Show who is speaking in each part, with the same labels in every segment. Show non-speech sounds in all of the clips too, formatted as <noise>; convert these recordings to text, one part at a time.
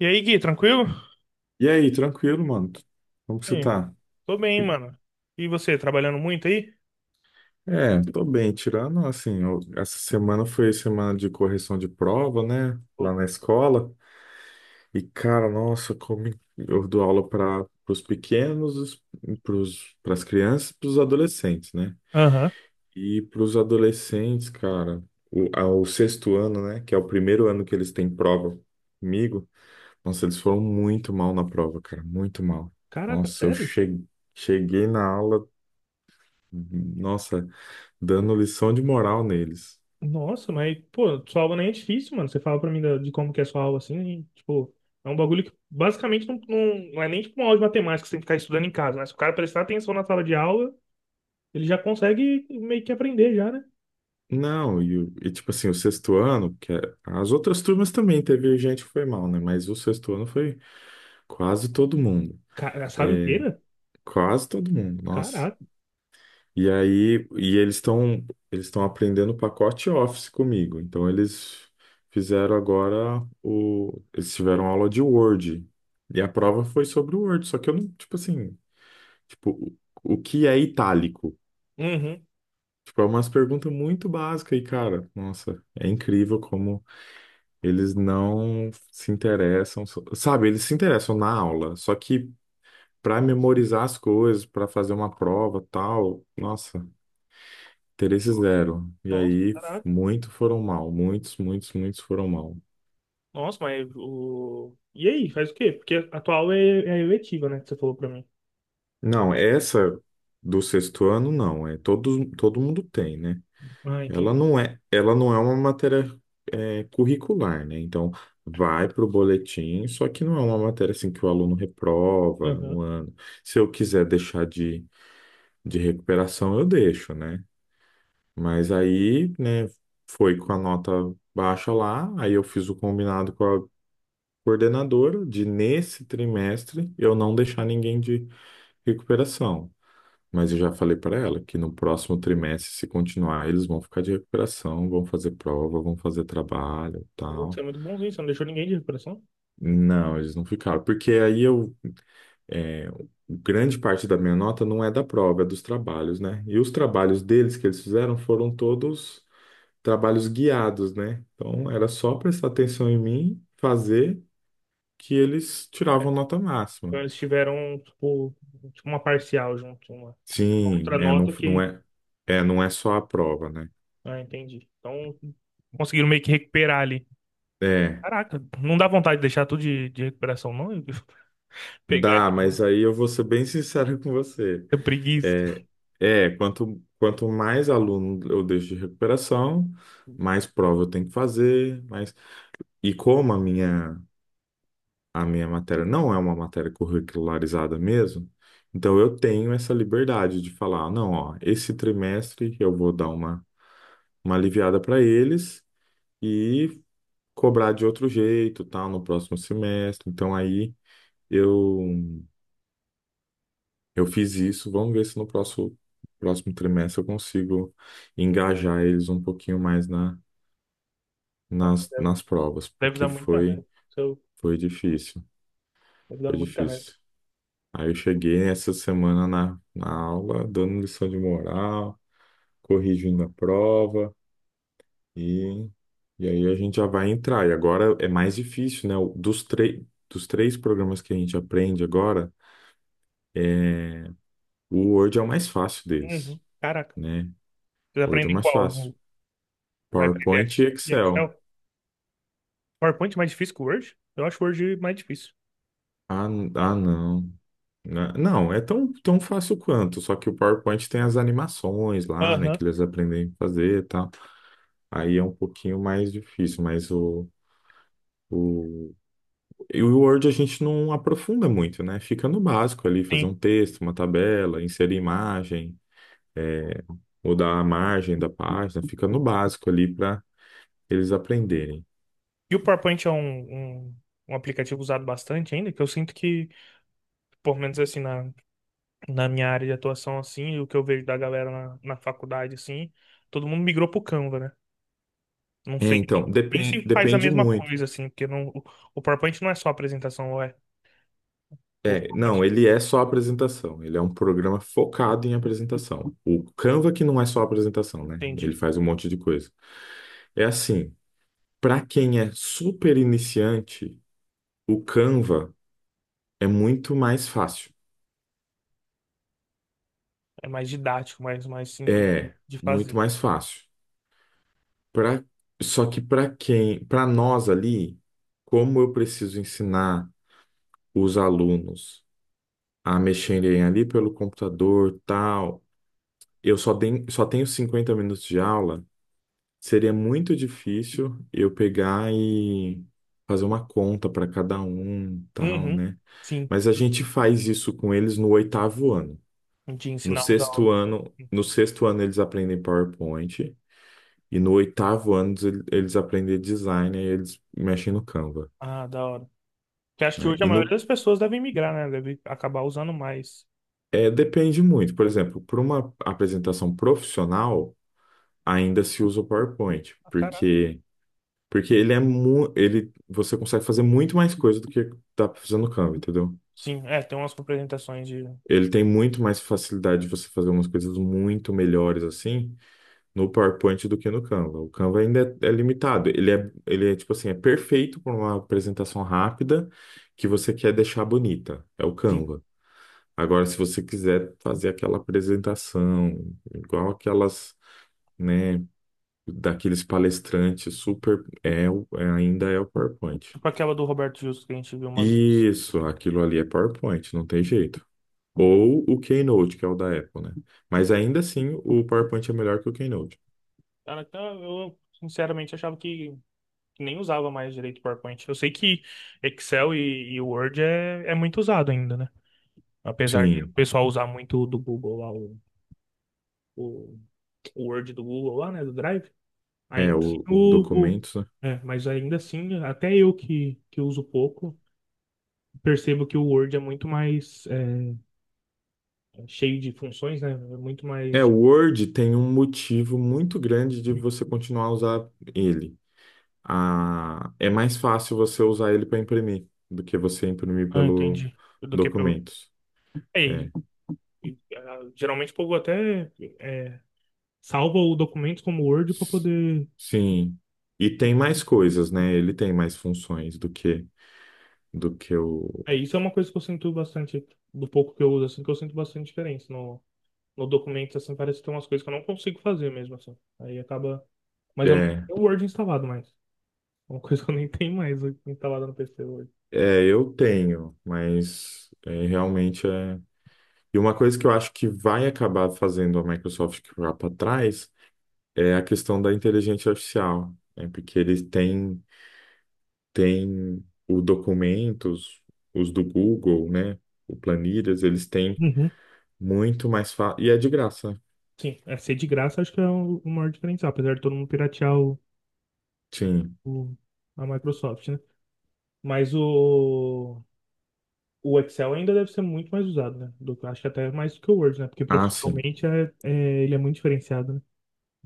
Speaker 1: E aí, Gui, tranquilo?
Speaker 2: E aí, tranquilo, mano? Como que você
Speaker 1: É,
Speaker 2: tá?
Speaker 1: tô bem, mano. E você, trabalhando muito aí?
Speaker 2: É, tô bem, tirando assim, essa semana foi semana de correção de prova, né?
Speaker 1: Ô,
Speaker 2: Lá na escola. E, cara, nossa, como eu dou aula para os pequenos, para as crianças, para os adolescentes, né?
Speaker 1: aham.
Speaker 2: E para os adolescentes, cara, ao sexto ano, né? Que é o primeiro ano que eles têm prova comigo, nossa, eles foram muito mal na prova, cara, muito mal.
Speaker 1: Caraca,
Speaker 2: Nossa,
Speaker 1: sério?
Speaker 2: cheguei na aula. Nossa, dando lição de moral neles.
Speaker 1: Nossa, mas, pô, sua aula nem é difícil, mano. Você fala pra mim de como que é sua aula assim, e, tipo, é um bagulho que basicamente não, não, não é nem tipo uma aula de matemática que você tem que ficar estudando em casa, né? Se o cara prestar atenção na sala de aula, ele já consegue meio que aprender já, né?
Speaker 2: Não, e tipo assim, o sexto ano, as outras turmas também teve gente que foi mal, né? Mas o sexto ano foi quase todo mundo.
Speaker 1: Cara, a sala
Speaker 2: É,
Speaker 1: inteira?
Speaker 2: quase todo mundo, nossa.
Speaker 1: Caraca.
Speaker 2: E aí, eles estão aprendendo o pacote Office comigo. Então eles fizeram agora o eles tiveram aula de Word. E a prova foi sobre o Word, só que eu não, tipo assim, tipo, o que é itálico?
Speaker 1: Uhum.
Speaker 2: Tipo, é umas perguntas muito básicas e, cara, nossa, é incrível como eles não se interessam, sabe, eles se interessam na aula, só que para memorizar as coisas, para fazer uma prova, tal, nossa, interesse zero. E
Speaker 1: Nossa,
Speaker 2: aí,
Speaker 1: caraca.
Speaker 2: muitos, muitos foram mal.
Speaker 1: Nossa, mas o. E aí, faz o quê? Porque a tua aula é eletiva, né? Que você falou pra mim.
Speaker 2: Não, essa do sexto ano, não, é todos, todo mundo tem, né?
Speaker 1: Ah, entendi.
Speaker 2: Ela não é uma matéria é, curricular, né? Então, vai para o boletim, só que não é uma matéria assim que o aluno reprova
Speaker 1: Aham.
Speaker 2: um ano. Se eu quiser deixar de recuperação, eu deixo, né? Mas aí, né, foi com a nota baixa lá, aí eu fiz o combinado com a coordenadora de, nesse trimestre, eu não deixar ninguém de recuperação. Mas eu já falei para ela que no próximo trimestre, se continuar, eles vão ficar de recuperação, vão fazer prova, vão fazer trabalho,
Speaker 1: Pô,
Speaker 2: tal.
Speaker 1: é muito bonzinho, você não deixou ninguém de recuperação?
Speaker 2: Não, eles não ficaram, porque é, grande parte da minha nota não é da prova, é dos trabalhos, né? E os trabalhos deles que eles fizeram foram todos trabalhos guiados, né? Então era só prestar atenção em mim, fazer que eles tiravam
Speaker 1: É,
Speaker 2: nota
Speaker 1: então
Speaker 2: máxima.
Speaker 1: eles tiveram, tipo uma parcial junto, uma
Speaker 2: Sim,
Speaker 1: outra
Speaker 2: é,
Speaker 1: nota que.
Speaker 2: é, não é só a prova, né?
Speaker 1: Ah, entendi. Então conseguiram meio que recuperar ali.
Speaker 2: É.
Speaker 1: Caraca, não dá vontade de deixar tudo de recuperação, não? <laughs> Pegar
Speaker 2: Dá,
Speaker 1: aquela
Speaker 2: mas aí eu vou ser bem sincero <laughs> com você.
Speaker 1: preguiça.
Speaker 2: É, é quanto, quanto mais aluno eu deixo de recuperação, mais prova eu tenho que fazer, mais... E como a minha matéria não é uma matéria curricularizada mesmo, então eu tenho essa liberdade de falar, não, ó, esse trimestre eu vou dar uma aliviada para eles e cobrar de outro jeito, tal, no próximo semestre. Então aí eu eu fiz isso, vamos ver se no próximo trimestre eu consigo engajar eles um pouquinho mais
Speaker 1: Nossa, Deve,
Speaker 2: nas provas,
Speaker 1: deve dar
Speaker 2: porque
Speaker 1: muita
Speaker 2: foi,
Speaker 1: raiva. Isso
Speaker 2: foi difícil,
Speaker 1: deve dar
Speaker 2: foi
Speaker 1: muita raiva.
Speaker 2: difícil. Aí eu cheguei essa semana na aula, dando lição de moral, corrigindo a prova, e, e aí a gente já vai entrar. E agora é mais difícil, né? Dos três programas que a gente aprende agora, é, o Word é o mais fácil deles,
Speaker 1: Uhum. Caraca,
Speaker 2: né?
Speaker 1: vocês
Speaker 2: O Word é o
Speaker 1: aprendem
Speaker 2: mais fácil.
Speaker 1: qual? Vai aprender
Speaker 2: PowerPoint e
Speaker 1: E
Speaker 2: Excel.
Speaker 1: Excel? PowerPoint é mais difícil que o Word? Eu acho o Word mais difícil.
Speaker 2: Ah, n- ah, não. Não, é tão, tão fácil quanto, só que o PowerPoint tem as animações lá, né,
Speaker 1: Aham,
Speaker 2: que eles aprendem a fazer e tal. Aí é um pouquinho mais difícil, mas o, e o Word a gente não aprofunda muito, né? Fica no básico ali, fazer
Speaker 1: sim.
Speaker 2: um texto, uma tabela, inserir imagem, mudar a margem da página, fica no básico ali para eles aprenderem.
Speaker 1: E o PowerPoint é um aplicativo usado bastante ainda, que eu sinto que, pelo menos assim, na minha área de atuação, assim, e o que eu vejo da galera na faculdade, assim, todo mundo migrou pro Canva, né? Não
Speaker 2: É,
Speaker 1: sei
Speaker 2: então,
Speaker 1: nem se faz a
Speaker 2: depende
Speaker 1: mesma
Speaker 2: muito.
Speaker 1: coisa, assim, porque não, o PowerPoint não é só apresentação, ou é? Ou,
Speaker 2: É, não, ele é só apresentação. Ele é um programa focado em apresentação. O Canva que não é só apresentação, né? Ele
Speaker 1: entendi.
Speaker 2: faz um monte de coisa. É assim, para quem é super iniciante, o Canva é muito mais fácil.
Speaker 1: É mais didático, mais simples de,
Speaker 2: É,
Speaker 1: de
Speaker 2: muito
Speaker 1: fazer.
Speaker 2: mais fácil. Pra, só que para quem, para nós ali, como eu preciso ensinar os alunos a mexerem ali pelo computador, tal, eu só tenho 50 minutos de aula. Seria muito difícil eu pegar e fazer uma conta para cada um, tal,
Speaker 1: Uhum,
Speaker 2: né?
Speaker 1: sim,
Speaker 2: Mas a gente faz isso com eles no oitavo ano.
Speaker 1: de ensinar os alunos. Uhum.
Speaker 2: No sexto ano eles aprendem PowerPoint e no oitavo ano eles aprendem design e eles mexem no Canva,
Speaker 1: Ah, da hora. Que acho que
Speaker 2: né?
Speaker 1: hoje a
Speaker 2: E
Speaker 1: maioria
Speaker 2: no
Speaker 1: das pessoas deve migrar, né? Deve acabar usando mais.
Speaker 2: é, depende muito. Por exemplo, para uma apresentação profissional, ainda se usa o PowerPoint, porque ele é mu ele você consegue fazer muito mais coisa do que tá fazendo no Canva, entendeu?
Speaker 1: Sim, é, tem umas representações de.
Speaker 2: Ele tem muito mais facilidade de você fazer umas coisas muito melhores assim no PowerPoint do que no Canva. O Canva ainda é, é limitado. Ele é tipo assim, é perfeito para uma apresentação rápida que você quer deixar bonita. É o
Speaker 1: Sim,
Speaker 2: Canva. Agora, se você quiser fazer aquela apresentação igual aquelas, né, daqueles palestrantes super é, ainda é o PowerPoint.
Speaker 1: tipo aquela do Roberto Justo que a gente viu uma vez.
Speaker 2: Isso, aquilo ali é PowerPoint, não tem jeito. Ou o Keynote, que é o da Apple, né? Mas ainda assim, o PowerPoint é melhor que o Keynote.
Speaker 1: Cara, então eu sinceramente achava que, nem usava mais direito o PowerPoint. Eu sei que Excel e Word é muito usado ainda, né? Apesar de o
Speaker 2: Sim,
Speaker 1: pessoal usar muito o do Google lá, o, o Word do Google lá, né? Do Drive.
Speaker 2: é
Speaker 1: Ainda assim,
Speaker 2: o documentos, né?
Speaker 1: é, mas ainda assim, até eu que uso pouco, percebo que o Word é muito mais cheio de funções, né? É muito
Speaker 2: É,
Speaker 1: mais.
Speaker 2: o Word tem um motivo muito grande de você continuar a usar ele. Ah, é mais fácil você usar ele para imprimir do que você imprimir
Speaker 1: Ah,
Speaker 2: pelo
Speaker 1: entendi. Do que pelo.
Speaker 2: documentos.
Speaker 1: É,
Speaker 2: É.
Speaker 1: e, ah, geralmente o povo até é, salva o documento como Word para
Speaker 2: S-
Speaker 1: poder.
Speaker 2: Sim. E tem mais coisas, né? Ele tem mais funções do que o
Speaker 1: É, isso é uma coisa que eu sinto bastante, do pouco que eu uso, assim, que eu sinto bastante diferença no documento, assim, parece que tem umas coisas que eu não consigo fazer mesmo, assim. Aí acaba. Mas eu não
Speaker 2: é,
Speaker 1: tenho o Word instalado mais. É uma <laughs> coisa que eu nem tenho mais instalada no PC hoje.
Speaker 2: É, eu tenho, mas é, realmente é. E uma coisa que eu acho que vai acabar fazendo a Microsoft ficar para trás é a questão da inteligência artificial, né? Porque têm o documentos, os do Google, né? O Planilhas, eles têm
Speaker 1: Uhum.
Speaker 2: muito mais fácil. E é de graça. Né?
Speaker 1: Sim, é ser de graça acho que é o maior diferencial, apesar de todo mundo piratear
Speaker 2: Sim.
Speaker 1: o- a Microsoft, né? Mas o. O Excel ainda deve ser muito mais usado, né? Acho que até mais do que o Word, né? Porque
Speaker 2: Ah, sim.
Speaker 1: profissionalmente ele é muito diferenciado, né?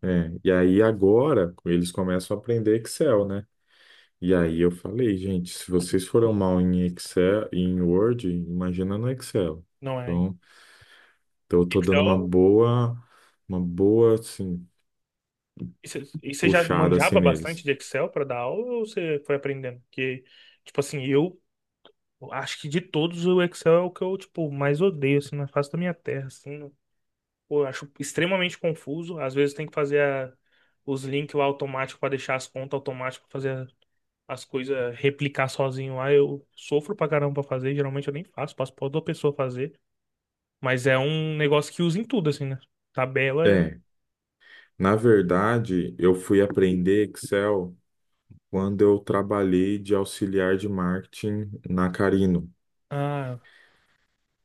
Speaker 2: É. E aí agora eles começam a aprender Excel, né? E aí eu falei, gente, se vocês foram mal em Excel, em Word, imagina no Excel.
Speaker 1: Não é.
Speaker 2: Então, então eu tô dando
Speaker 1: Excel.
Speaker 2: uma boa, assim,
Speaker 1: E você já
Speaker 2: puxada, assim,
Speaker 1: manjava bastante
Speaker 2: neles.
Speaker 1: de Excel para dar aula ou você foi aprendendo? Porque, tipo assim, eu acho que de todos o Excel é o que eu, tipo, mais odeio, assim, na face da minha terra, assim. Pô, eu acho extremamente confuso. Às vezes tem que fazer os links lá automáticos para deixar as contas automáticas para fazer as coisas replicar sozinho lá, eu sofro pra caramba pra fazer, geralmente eu nem faço, passo pra outra pessoa fazer, mas é um negócio que usa em tudo, assim, né? Tabela é...
Speaker 2: É, na verdade, eu fui aprender Excel quando eu trabalhei de auxiliar de marketing na Carino.
Speaker 1: Ah,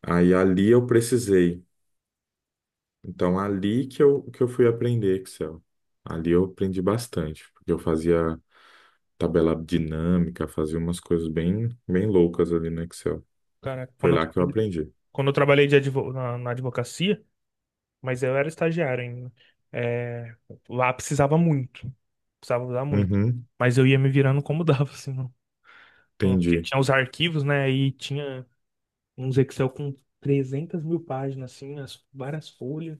Speaker 2: Aí ali eu precisei. Então, ali que eu fui aprender Excel. Ali eu aprendi bastante, porque eu fazia tabela dinâmica, fazia umas coisas bem, bem loucas ali no Excel.
Speaker 1: cara,
Speaker 2: Foi
Speaker 1: quando eu
Speaker 2: lá que eu
Speaker 1: trabalhei,
Speaker 2: aprendi.
Speaker 1: quando eu trabalhei de na advocacia, mas eu era estagiário ainda, é, lá precisava muito, precisava usar muito,
Speaker 2: Uhum,
Speaker 1: mas eu ia me virando como <laughs> dava, assim, não, não, porque
Speaker 2: entendi.
Speaker 1: tinha os arquivos, né, e tinha uns Excel com 300 mil páginas, assim, as, várias folhas,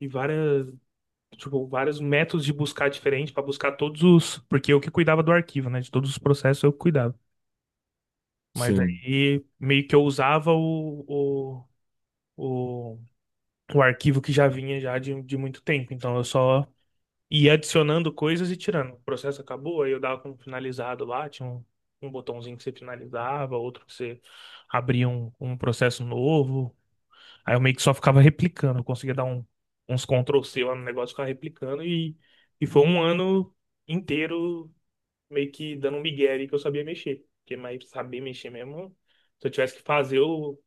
Speaker 1: e várias tipo, vários métodos de buscar diferente para buscar todos os, porque eu que cuidava do arquivo, né? De todos os processos eu que cuidava. Mas
Speaker 2: Sim.
Speaker 1: aí meio que eu usava o, o arquivo que já vinha já de muito tempo. Então eu só ia adicionando coisas e tirando. O processo acabou, aí eu dava como finalizado lá, tinha um botãozinho que você finalizava, outro que você abria um processo novo. Aí eu meio que só ficava replicando, eu conseguia dar uns Ctrl C lá no negócio, ficava replicando e foi um ano inteiro meio que dando um migué ali que eu sabia mexer. Porque mais saber mexer mesmo, se eu tivesse que fazer o,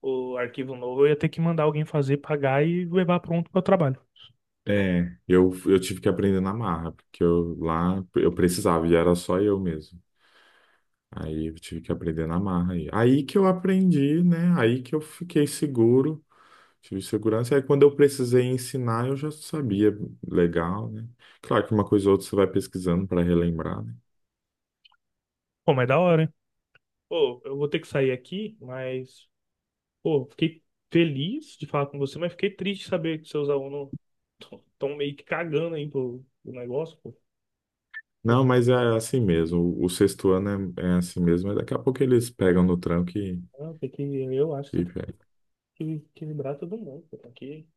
Speaker 1: o arquivo novo, eu ia ter que mandar alguém fazer, pagar e levar pronto para o trabalho.
Speaker 2: É, eu tive que aprender na marra, porque eu lá eu precisava e era só eu mesmo. Aí eu tive que aprender na marra. Aí que eu aprendi, né? Aí que eu fiquei seguro, tive segurança. Aí quando eu precisei ensinar, eu já sabia legal, né? Claro que uma coisa ou outra você vai pesquisando para relembrar, né?
Speaker 1: Pô, mas da hora, hein? Pô, eu vou ter que sair aqui, mas, pô, fiquei feliz de falar com você, mas fiquei triste de saber que seus alunos estão meio que cagando aí pro negócio, pô.
Speaker 2: Não, mas é assim mesmo. O sexto ano é, é assim mesmo. Mas daqui a pouco eles pegam no tranco
Speaker 1: Ah, eu acho que
Speaker 2: e
Speaker 1: que equilibrar todo mundo, pô. Tem que,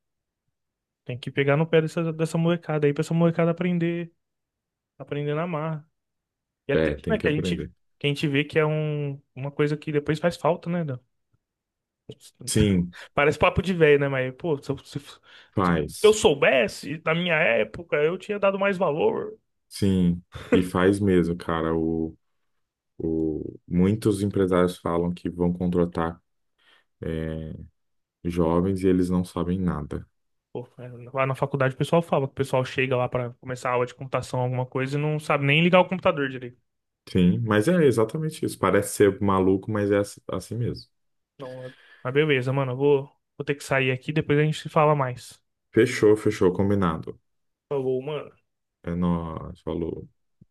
Speaker 1: tem que pegar no pé dessa molecada aí pra essa molecada aprender, aprender na marra. E é
Speaker 2: é, é,
Speaker 1: triste,
Speaker 2: tem
Speaker 1: né,
Speaker 2: que
Speaker 1: que a gente,
Speaker 2: aprender.
Speaker 1: que a gente vê que é um, uma coisa que depois faz falta, né? Dan? <laughs>
Speaker 2: Sim,
Speaker 1: Parece papo de velho, né? Mas, pô, se eu
Speaker 2: faz.
Speaker 1: soubesse, na minha época, eu tinha dado mais valor.
Speaker 2: Sim, e faz mesmo, cara. Muitos empresários falam que vão contratar é, jovens e eles não sabem nada.
Speaker 1: Pô, é, lá na faculdade o pessoal fala que o pessoal chega lá pra começar a aula de computação, alguma coisa, e não sabe nem ligar o computador direito.
Speaker 2: Sim, mas é exatamente isso. Parece ser maluco, mas é assim mesmo.
Speaker 1: Então, mas beleza, mano, eu vou ter que sair aqui, depois a gente se fala mais.
Speaker 2: Fechou, fechou, combinado.
Speaker 1: Falou, mano.
Speaker 2: É nóis, falou.